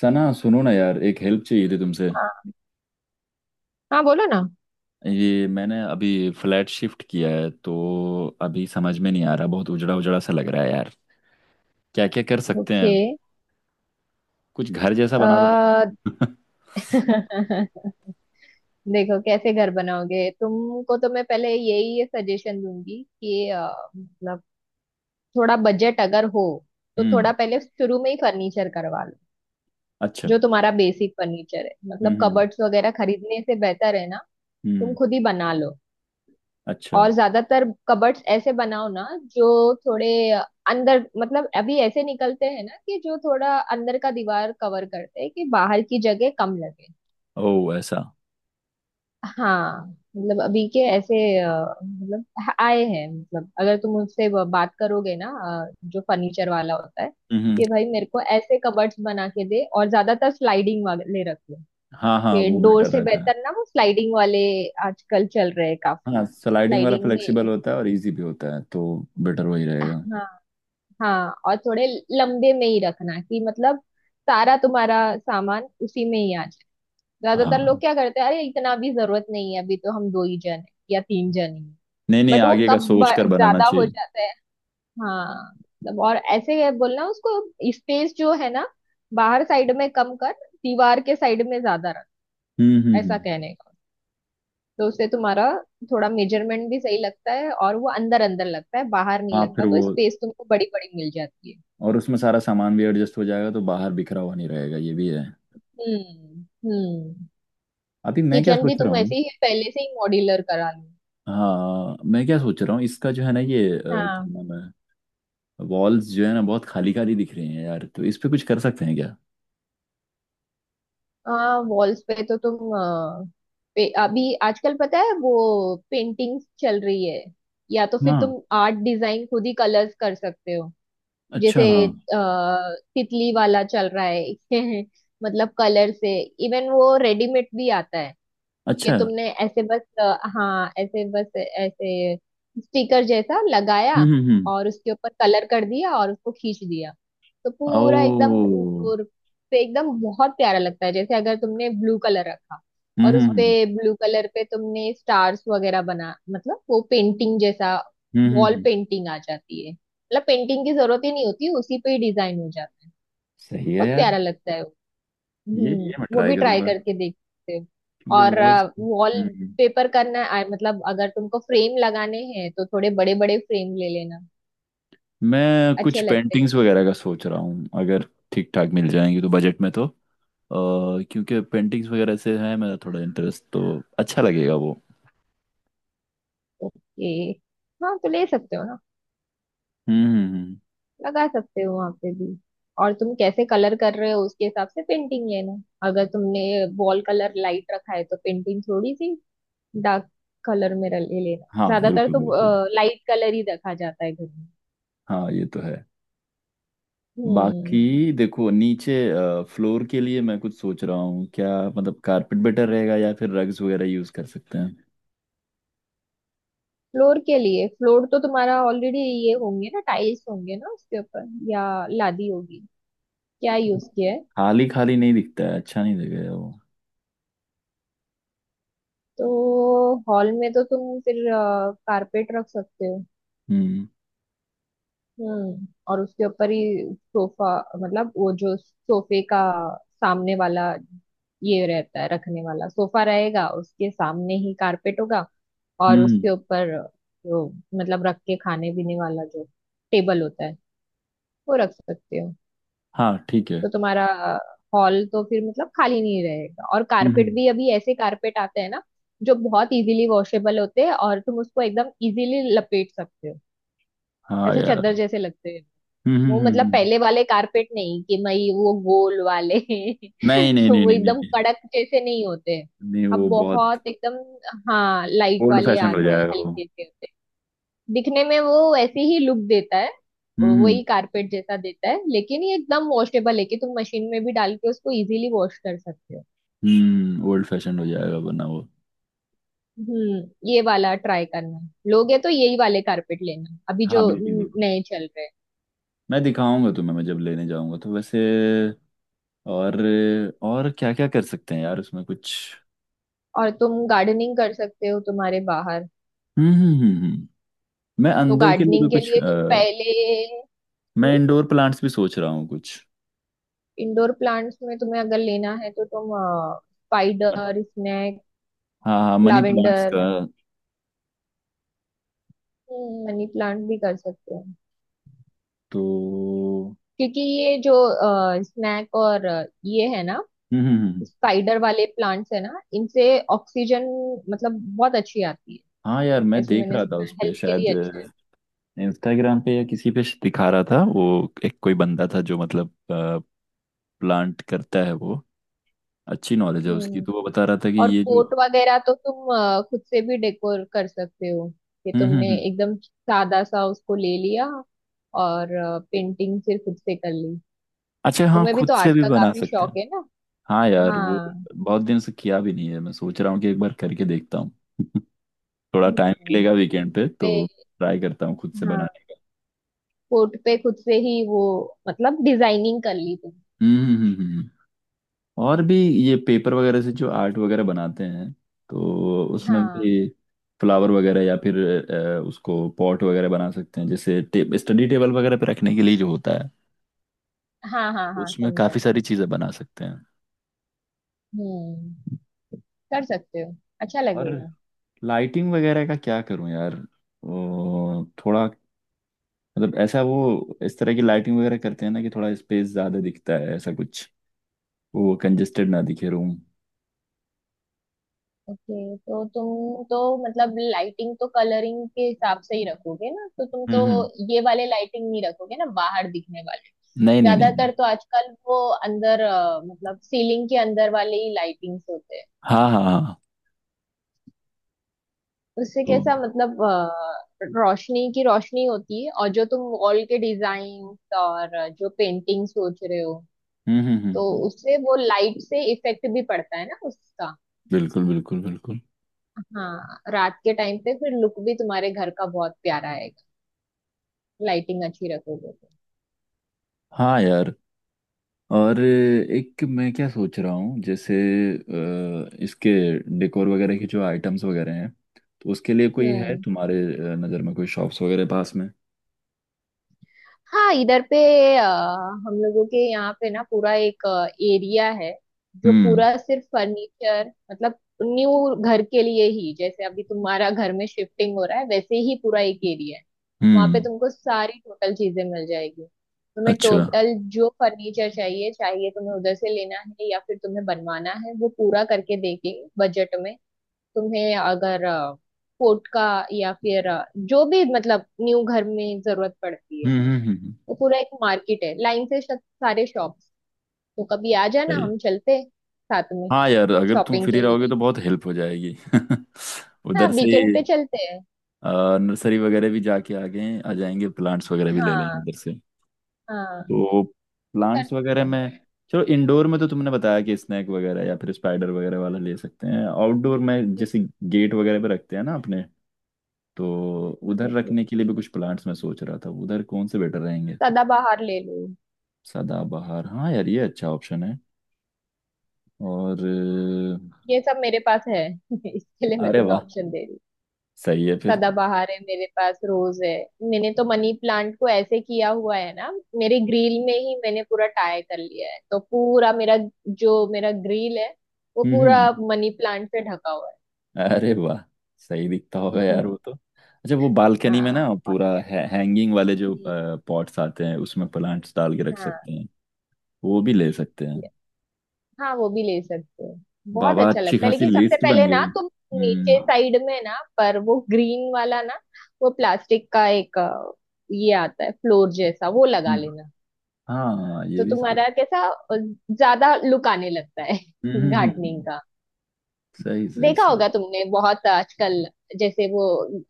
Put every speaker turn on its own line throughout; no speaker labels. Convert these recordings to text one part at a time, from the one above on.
सना सुनो ना यार, एक हेल्प चाहिए थी तुमसे।
हाँ बोलो ना।
ये मैंने अभी फ्लैट शिफ्ट किया है तो अभी समझ में नहीं आ रहा, बहुत उजड़ा उजड़ा सा लग रहा है यार। क्या क्या कर सकते
ओके।
हैं? कुछ घर जैसा बना दो ना।
आ, देखो कैसे घर बनाओगे तुमको तो मैं पहले यही सजेशन दूंगी कि मतलब थोड़ा बजट अगर हो तो
हम्म।
थोड़ा पहले शुरू में ही फर्नीचर करवा लो।
अच्छा।
जो तुम्हारा बेसिक फर्नीचर है मतलब
हम्म।
कबर्ड्स वगैरह खरीदने से बेहतर है ना तुम
हम्म।
खुद ही बना लो।
अच्छा।
और ज्यादातर कबर्ड्स ऐसे बनाओ ना जो थोड़े अंदर मतलब अभी ऐसे निकलते हैं ना कि जो थोड़ा अंदर का दीवार कवर करते हैं कि बाहर की जगह कम लगे।
ओ ऐसा।
हाँ मतलब अभी के ऐसे मतलब आए हैं मतलब अगर तुम उससे बात करोगे ना जो फर्नीचर वाला होता है
हम्म हम्म।
कि भाई मेरे को ऐसे कबर्ड्स बना के दे और ज्यादातर स्लाइडिंग वाले रख लो।
हाँ हाँ
कि
वो
डोर
बेटर
से
रहता है।
बेहतर ना वो स्लाइडिंग वाले आजकल चल रहे हैं काफी
हाँ, स्लाइडिंग वाला
स्लाइडिंग में।
फ्लेक्सिबल होता है और इजी भी होता है तो बेटर वही रहेगा।
हाँ हाँ और थोड़े लंबे में ही रखना कि मतलब सारा तुम्हारा सामान उसी में ही आ जाए। ज्यादातर लोग
हाँ।
क्या करते हैं अरे इतना भी जरूरत नहीं है अभी तो हम दो ही जन हैं या तीन जन हैं,
नहीं नहीं
बट वो
आगे का
कब
सोच कर बनाना
ज्यादा हो
चाहिए।
जाता है। हाँ मतलब और ऐसे ही है बोलना उसको स्पेस जो है ना बाहर साइड में कम कर दीवार के साइड में ज्यादा रख ऐसा
हम्म।
कहने का। तो उससे तुम्हारा थोड़ा मेजरमेंट भी सही लगता है और वो अंदर अंदर लगता है बाहर नहीं
हाँ फिर
लगता
वो
तो स्पेस तुमको बड़ी बड़ी मिल जाती है।
और उसमें सारा सामान भी एडजस्ट हो जाएगा तो बाहर बिखरा हुआ नहीं रहेगा, ये भी है।
हम्म हम्म।
अभी मैं क्या
किचन भी
सोच रहा
तुम
हूँ।
ऐसे ही पहले से ही मॉड्यूलर करा लो।
हाँ मैं क्या सोच रहा हूँ, इसका जो है ना, ये क्या
हाँ
नाम है, वॉल्स जो है ना बहुत खाली खाली दिख रही हैं यार, तो इस पे कुछ कर सकते हैं क्या?
हाँ वॉल्स पे तो तुम अभी आजकल पता है वो पेंटिंग्स चल रही है या तो फिर
हाँ।
तुम आर्ट डिजाइन खुद ही कलर्स कर सकते हो।
अच्छा
जैसे
हाँ।
तितली वाला चल रहा है मतलब कलर से। इवन वो रेडीमेड भी आता है कि
अच्छा।
तुमने ऐसे बस हाँ ऐसे बस ऐसे स्टिकर जैसा लगाया
हम्म।
और उसके ऊपर कलर कर दिया और उसको खींच दिया तो पूरा एकदम
ओ।
दूर पे एकदम बहुत प्यारा लगता है। जैसे अगर तुमने ब्लू कलर रखा
हम्म
और उस
हम्म
पे
हम्म
ब्लू कलर पे तुमने स्टार्स वगैरह बना मतलब वो पेंटिंग जैसा
हम्म हम्म,
वॉल
हम्म।
पेंटिंग आ जाती है मतलब पेंटिंग की जरूरत ही नहीं होती उसी पे ही डिजाइन हो जाता है।
सही है
बहुत
यार।
प्यारा लगता है।
ये ये मैं
वो
ट्राई
भी ट्राई
करूंगा
करके देखते हैं।
क्योंकि
और
वॉल्स।
वॉल पेपर करना है मतलब अगर तुमको फ्रेम लगाने हैं तो थोड़े बड़े बड़े फ्रेम ले लेना
मैं कुछ
अच्छे लगते हैं।
पेंटिंग्स वगैरह का सोच रहा हूँ, अगर ठीक ठाक मिल जाएंगी तो बजट में तो। और क्योंकि पेंटिंग्स वगैरह से है मेरा थोड़ा इंटरेस्ट तो अच्छा लगेगा वो।
ओके हाँ तो ले सकते हो ना
हम्म हम्म, हम्म।
लगा सकते हो वहां पे भी। और तुम कैसे कलर कर रहे हो उसके हिसाब से पेंटिंग लेना अगर तुमने वॉल कलर लाइट रखा है तो पेंटिंग थोड़ी सी डार्क कलर में ले लेना
हाँ
ज्यादातर
बिल्कुल
तो
बिल्कुल।
लाइट कलर ही रखा जाता है घर में।
हाँ ये तो है।
हम्म
बाकी देखो, नीचे फ्लोर के लिए मैं कुछ सोच रहा हूँ क्या, मतलब कारपेट बेटर रहेगा या फिर रग्स वगैरह यूज कर सकते हैं?
फ्लोर के लिए फ्लोर तो तुम्हारा ऑलरेडी ये होंगे ना टाइल्स होंगे ना उसके ऊपर या लादी होगी क्या यूज किया है।
खाली खाली नहीं दिखता है, अच्छा नहीं दिखेगा वो।
तो हॉल में तो तुम फिर कारपेट रख सकते हो।
हम्म
हम्म और उसके ऊपर ही सोफा मतलब वो जो सोफे का सामने वाला ये रहता है रखने वाला सोफा रहेगा उसके सामने ही कारपेट होगा। और
हम्म
उसके
हम्म।
ऊपर जो मतलब रख के खाने पीने वाला जो टेबल होता है वो रख सकते हो।
हाँ ठीक है।
तो तुम्हारा हॉल तो फिर मतलब खाली नहीं रहेगा और कारपेट
हम्म।
भी अभी ऐसे कारपेट आते हैं ना जो बहुत इजीली वॉशेबल होते हैं और तुम उसको एकदम इजीली लपेट सकते हो।
हाँ
ऐसे चादर
यार।
जैसे लगते हैं।
हम्म
वो
हम्म हम्म,
मतलब
हम्म।
पहले वाले कारपेट नहीं कि भाई वो गोल वाले
नहीं नहीं नहीं
वो
नहीं नहीं
एकदम
नहीं।
कड़क जैसे नहीं होते
नहीं,
अब
वो बहुत
बहुत एकदम हाँ लाइट
ओल्ड
वाले आ
फैशन हो
गए
जाएगा वो।
हल्के से होते हैं। दिखने में वो वैसे ही लुक देता है
हम्म।
वही कारपेट जैसा देता है लेकिन ये एकदम वॉशेबल है कि तुम मशीन में भी डाल के उसको इजीली वॉश कर सकते हो।
ओल्ड फैशन हो जाएगा वरना वो।
ये वाला ट्राई करना लोगे तो यही वाले कारपेट लेना अभी
हाँ
जो
बिल्कुल बिल्कुल।
नए चल रहे हैं।
मैं दिखाऊंगा तुम्हें, मैं जब लेने जाऊंगा तो वैसे। और और क्या क्या कर सकते हैं यार उसमें कुछ?
और तुम गार्डनिंग कर सकते हो तुम्हारे बाहर।
हम्म हम्म हम्म हम्म। मैं
तो
अंदर के लिए भी
गार्डनिंग के
कुछ
लिए तुम पहले
मैं
हम्म
इंडोर प्लांट्स भी सोच रहा हूँ कुछ।
इंडोर प्लांट्स में तुम्हें अगर लेना है तो तुम स्पाइडर स्नेक
हाँ हाँ मनी प्लांट्स
लावेंडर
का
मनी प्लांट भी कर सकते हो
तो।
क्योंकि ये जो स्नैक और ये है ना
हम्म हम्म हम्म।
स्पाइडर वाले प्लांट्स है ना इनसे ऑक्सीजन
हम्म।
मतलब बहुत अच्छी आती है।
हाँ यार मैं
ऐसे
देख
मैंने
रहा था
सुना है
उस पे
हेल्थ के
शायद,
लिए अच्छा है।
इंस्टाग्राम पे या किसी पे दिखा रहा था, वो एक कोई बंदा था जो मतलब प्लांट करता है वो, अच्छी नॉलेज है उसकी
हम्म
तो वो बता रहा था कि
और
ये जो।
कोट वगैरह तो तुम खुद से भी डेकोर कर सकते हो कि तुमने
हम्म।
एकदम सादा सा उसको ले लिया और पेंटिंग फिर खुद से कर ली।
अच्छा हाँ
तुम्हें भी
खुद
तो
से
आर्ट
भी
का
बना
काफी
सकते
शौक
हैं।
है ना।
हाँ यार वो
हाँ
बहुत दिन से किया भी नहीं है, मैं सोच रहा हूँ कि एक बार करके देखता हूँ। थोड़ा टाइम
हम्म
मिलेगा वीकेंड पे
पे
तो ट्राई करता हूँ खुद से
हाँ
बनाने का।
कोट पे खुद से ही वो मतलब डिजाइनिंग कर ली तुम।
हम्म। और भी ये पेपर वगैरह से जो आर्ट वगैरह बनाते हैं तो उसमें
हाँ
भी फ्लावर वगैरह, या फिर उसको पॉट वगैरह बना सकते हैं जैसे स्टडी टेबल वगैरह पे रखने के लिए जो होता है,
हाँ हाँ हाँ
उसमें
समझा।
काफी सारी चीजें बना सकते हैं।
हम्म कर सकते हो अच्छा
और
लगेगा।
लाइटिंग वगैरह का क्या करूं यार? वो थोड़ा, मतलब ऐसा, वो इस तरह की लाइटिंग वगैरह करते हैं ना कि थोड़ा स्पेस ज्यादा दिखता है, ऐसा कुछ, वो कंजेस्टेड ना दिखे रूम।
ओके तो तुम तो मतलब लाइटिंग तो कलरिंग के हिसाब से ही रखोगे ना तो तुम तो
हम्म।
ये वाले लाइटिंग नहीं रखोगे ना बाहर दिखने वाले।
नहीं नहीं नहीं नहीं।
ज्यादातर तो आजकल वो अंदर मतलब सीलिंग के अंदर वाले ही लाइटिंग्स होते हैं
हाँ हाँ हाँ।
उससे
तो हम्म।
कैसा मतलब रोशनी की रोशनी होती है और जो तुम वॉल के डिजाइन और जो पेंटिंग सोच रहे हो
हम्म।
तो उससे वो लाइट से इफेक्ट भी पड़ता है ना उसका।
बिल्कुल बिल्कुल बिल्कुल।
हाँ रात के टाइम पे फिर लुक भी तुम्हारे घर का बहुत प्यारा आएगा लाइटिंग अच्छी रखोगे तो।
हाँ यार। और एक मैं क्या सोच रहा हूँ, जैसे इसके डेकोर वगैरह के जो आइटम्स वगैरह हैं, तो उसके लिए कोई है
हम्म
तुम्हारे नज़र में, कोई शॉप्स वगैरह पास में?
हाँ इधर पे अ, हम लोगों के यहाँ पे ना पूरा एक एरिया है जो
हम्म
पूरा सिर्फ फर्नीचर मतलब न्यू घर के लिए ही जैसे अभी तुम्हारा घर में शिफ्टिंग हो रहा है वैसे ही पूरा एक एरिया है। वहाँ पे
हम्म।
तुमको सारी टोटल चीजें मिल जाएगी। तुम्हें
अच्छा।
टोटल जो फर्नीचर चाहिए चाहिए तुम्हें उधर से लेना है या फिर तुम्हें बनवाना है वो पूरा करके देंगे बजट में। तुम्हें अगर कोट का या फिर जो भी मतलब न्यू घर में जरूरत पड़ती है
हम्म हम्म हम्म, हम्म।
वो पूरा एक मार्केट है लाइन से सारे शॉप्स। तो कभी आ जाना
सही है।
हम चलते हैं साथ में
हाँ यार अगर तुम
शॉपिंग
फ्री
के
रहोगे
लिए।
तो बहुत हेल्प हो जाएगी।
हाँ
उधर से
वीकेंड
ही
पे चलते हैं।
नर्सरी वगैरह भी जाके आगे आ जाएंगे, प्लांट्स वगैरह भी ले लेंगे
हाँ
उधर से।
हाँ
तो
वो कर
प्लांट्स
सकते
वगैरह
हैं।
में, चलो इंडोर में तो तुमने बताया कि स्नैक वगैरह या फिर स्पाइडर वगैरह वाला ले सकते हैं, आउटडोर में जैसे गेट वगैरह पे रखते हैं ना अपने, तो उधर रखने के लिए भी कुछ प्लांट्स मैं सोच रहा था, उधर कौन से बेटर रहेंगे?
सदाबहार ले लो।
सदाबहार हाँ यार, ये अच्छा ऑप्शन है। और
ये सब मेरे पास है इसके लिए मैं
अरे
तुम्हें
वाह,
ऑप्शन दे रही हूँ।
सही है फिर।
सदाबहार है मेरे पास रोज है। मैंने तो मनी प्लांट को ऐसे किया हुआ है ना मेरे ग्रिल में ही मैंने पूरा टाई कर लिया है तो पूरा मेरा जो मेरा ग्रिल है वो पूरा
हम्म।
मनी प्लांट से ढका हुआ है।
अरे वाह, सही दिखता होगा यार वो तो, अच्छा वो बालकनी में ना
हाँ बहुत
पूरा
प्यारा है।
है, हैंगिंग वाले जो
हम्म।
पॉट्स आते हैं उसमें प्लांट्स डाल के रख
हाँ
सकते हैं, वो भी ले सकते हैं।
ये- हाँ वो भी ले सकते हो। बहुत
बाबा,
अच्छा
अच्छी
लगता है
खासी
लेकिन सबसे
लिस्ट बन
पहले ना
गई।
तुम नीचे
हम्म।
साइड में ना पर वो ग्रीन वाला ना वो प्लास्टिक का एक ये आता है फ्लोर जैसा वो लगा
हम्म,
लेना।
हाँ ये
तो
भी सही।
तुम्हारा कैसा अ, ज्यादा लुक आने लगता है
हम्म हम्म, हम्म,
गार्डनिंग
हम्म।
का।
सही सही
देखा
सही।
होगा तुमने बहुत आजकल जैसे वो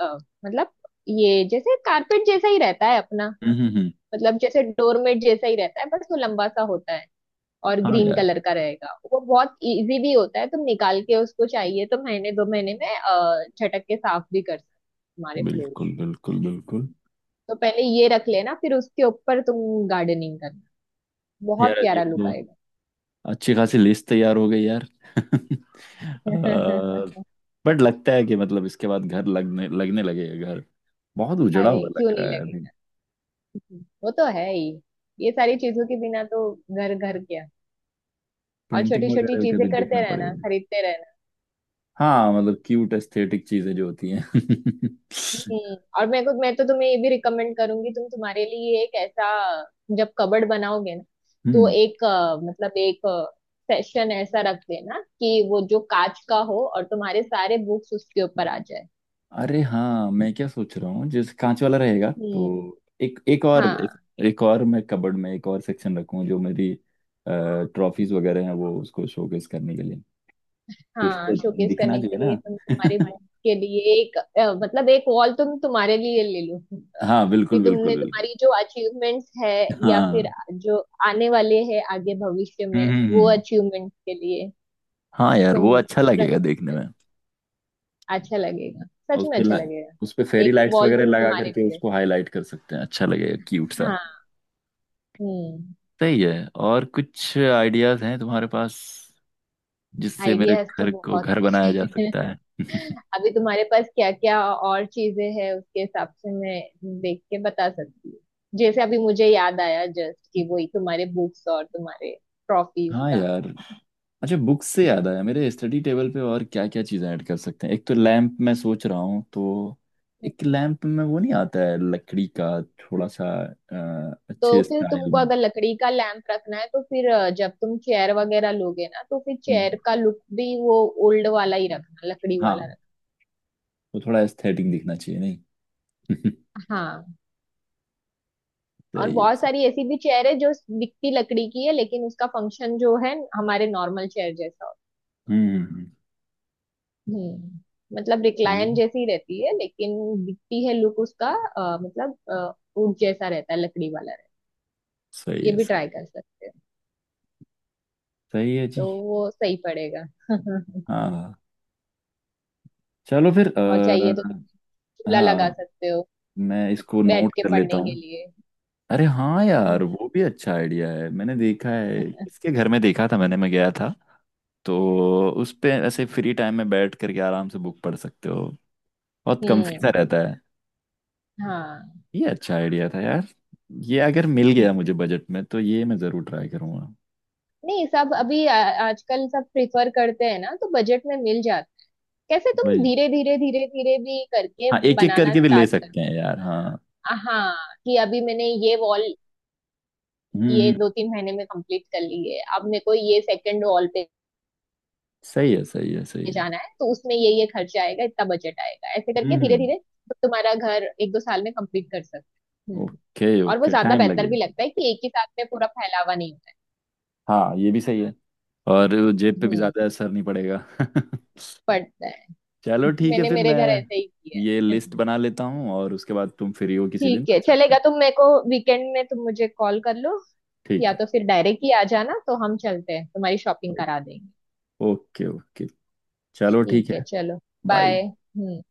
अ, मतलब ये जैसे कारपेट जैसा ही रहता है अपना
हम्म।
मतलब जैसे डोरमेट जैसा ही रहता है बस वो लंबा सा होता है और
हाँ
ग्रीन
यार
कलर का रहेगा वो बहुत इजी भी होता है तुम निकाल के उसको चाहिए तो महीने दो महीने में झटक के साफ भी कर सकते हो तुम्हारे फ्लोर।
बिल्कुल बिल्कुल बिल्कुल।
तो पहले ये रख लेना फिर उसके ऊपर तुम गार्डनिंग करना
यार
बहुत
ये
प्यारा लुक
तो
आएगा।
अच्छी खासी लिस्ट तैयार हो गई यार। बट लगता है कि मतलब इसके बाद घर लगने लगने लगेगा घर। बहुत उजड़ा
अरे
हुआ
क्यों
लग रहा
नहीं
है अभी।
लगेगा। वो तो है ही ये सारी चीजों के बिना तो घर घर क्या। और
पेंटिंग
छोटी छोटी
वगैरह का
चीजें
भी
करते
देखना
रहना
पड़ेगा।
खरीदते रहना।
हाँ मतलब क्यूट एस्थेटिक चीजें जो होती हैं।
हम्म और मेरे को मैं तो तुम्हें ये भी रिकमेंड करूंगी तुम तुम्हारे लिए एक ऐसा जब कबर्ड बनाओगे ना तो
हम्म।
एक मतलब एक सेशन ऐसा रख देना कि वो जो कांच का हो और तुम्हारे सारे बुक्स उसके ऊपर आ जाए।
अरे हाँ मैं क्या सोच रहा हूँ, जैसे कांच वाला रहेगा
हम्म
तो एक एक और,
हाँ
एक और मैं कबर्ड में एक और सेक्शन रखूँ जो मेरी ट्रॉफीज वगैरह हैं, वो उसको शोकेस करने के लिए। कुछ
हाँ
तो
शोकेस
दिखना
करने
चाहिए
के
ना।
लिए तुम तुम्हारे बुक के लिए एक मतलब एक वॉल तुम तुम्हारे लिए ले लो
हाँ
कि
बिल्कुल बिल्कुल
तुमने
बिल्कुल।
तुम्हारी जो अचीवमेंट्स है या फिर
हाँ।
जो आने वाले हैं आगे भविष्य में
हम्म हम्म,
वो
हम्म।
अचीवमेंट्स के लिए
हाँ यार
तुम
वो अच्छा
रख
लगेगा देखने
सकते
में।
हो। अच्छा लगेगा
और
सच में अच्छा लगेगा।
उस पे फेरी
एक
लाइट्स
वॉल
वगैरह
तुम
लगा
तुम्हारे
करके
लिए रख-
उसको हाईलाइट कर सकते हैं, अच्छा लगेगा क्यूट सा।
हाँ हम्म
सही है, और कुछ आइडियाज हैं तुम्हारे पास जिससे मेरे
आइडियाज तो
घर को
बहुत
घर बनाया जा
है
सकता है?
अभी तुम्हारे पास क्या क्या और चीजें हैं उसके हिसाब से मैं देख के बता सकती हूँ। जैसे अभी मुझे याद आया जस्ट कि वही तुम्हारे बुक्स और तुम्हारे ट्रॉफीज
हाँ
का।
यार। अच्छा बुक से याद आया, मेरे स्टडी टेबल पे और क्या क्या चीज़ें ऐड कर सकते हैं? एक तो लैंप मैं सोच रहा हूँ, तो एक लैंप में वो नहीं आता है लकड़ी का, थोड़ा सा
तो
अच्छे
फिर
स्टाइल
तुमको
में।
अगर लकड़ी का लैंप रखना है तो फिर जब तुम चेयर वगैरह लोगे ना तो फिर चेयर
हम्म।
का लुक भी वो ओल्ड वाला ही रखना लकड़ी वाला
हाँ वो थोड़ा एस्थेटिक दिखना चाहिए नहीं?
रखना हाँ। और
सही है,
बहुत
सही।
सारी ऐसी भी चेयर है जो दिखती लकड़ी की है लेकिन उसका फंक्शन जो है हमारे नॉर्मल चेयर जैसा होता
हम्म हम्म,
है। मतलब
हम्म। सही
रिक्लाइन
है,
जैसी रहती है लेकिन दिखती है लुक उसका मतलब ऊंट जैसा रहता है लकड़ी वाला रहता
सही
है ये
है,
भी
सही।
ट्राई कर सकते हो।
सही है जी।
तो वो सही पड़ेगा।
हाँ हाँ। चलो फिर
और चाहिए तो चूल्हा लगा
हाँ
सकते हो
मैं इसको
बैठ
नोट
के
कर लेता
पढ़ने के
हूँ।
लिए।
अरे हाँ यार,
हम्म
वो भी अच्छा आइडिया है, मैंने देखा है किसके घर में, देखा था मैंने, मैं गया था, तो उस पे ऐसे फ्री टाइम में बैठ करके आराम से बुक पढ़ सकते हो, बहुत कम्फी सा
हम्म,
रहता है।
हाँ
ये अच्छा आइडिया था यार। ये अगर मिल गया मुझे बजट में तो ये मैं ज़रूर ट्राई करूँगा।
नहीं सब अभी आजकल सब प्रिफर करते हैं ना तो बजट में मिल जाता। कैसे तुम
वही।
धीरे धीरे धीरे धीरे भी करके
हाँ एक एक
बनाना
करके भी ले
स्टार्ट कर
सकते हैं यार, हाँ।
हाँ कि अभी मैंने ये वॉल
हम्म
ये
हम्म,
दो तीन महीने में कंप्लीट कर ली है अब मेरे को ये सेकंड वॉल पे
सही है सही है सही है।
जाना है तो उसमें ये खर्चा आएगा इतना बजट आएगा ऐसे करके धीरे
हम्म।
धीरे तो तुम्हारा घर एक दो साल में कंप्लीट कर सकते हैं।
ओके
और वो
ओके,
ज्यादा
टाइम
बेहतर भी
लगेगा।
लगता है कि एक ही साथ में पूरा फैलावा नहीं होता है।
हाँ ये भी सही है। और जेब पे भी
हम्म
ज्यादा असर नहीं पड़ेगा।
पड़ता है।
चलो ठीक है
मैंने
फिर,
मेरे
मैं
घर ऐसे ही किया
ये
है।
लिस्ट बना लेता हूँ और उसके बाद तुम फ्री हो किसी दिन
ठीक
तो
है
चलते
चलेगा
हैं।
तुम मेरे को वीकेंड में तुम मुझे कॉल कर लो
ठीक
या
है।
तो फिर डायरेक्ट ही आ जाना तो हम चलते हैं तुम्हारी शॉपिंग करा देंगे।
Okay okay. चलो ठीक
ठीक है
है।
चलो
बाय।
बाय। हम्म।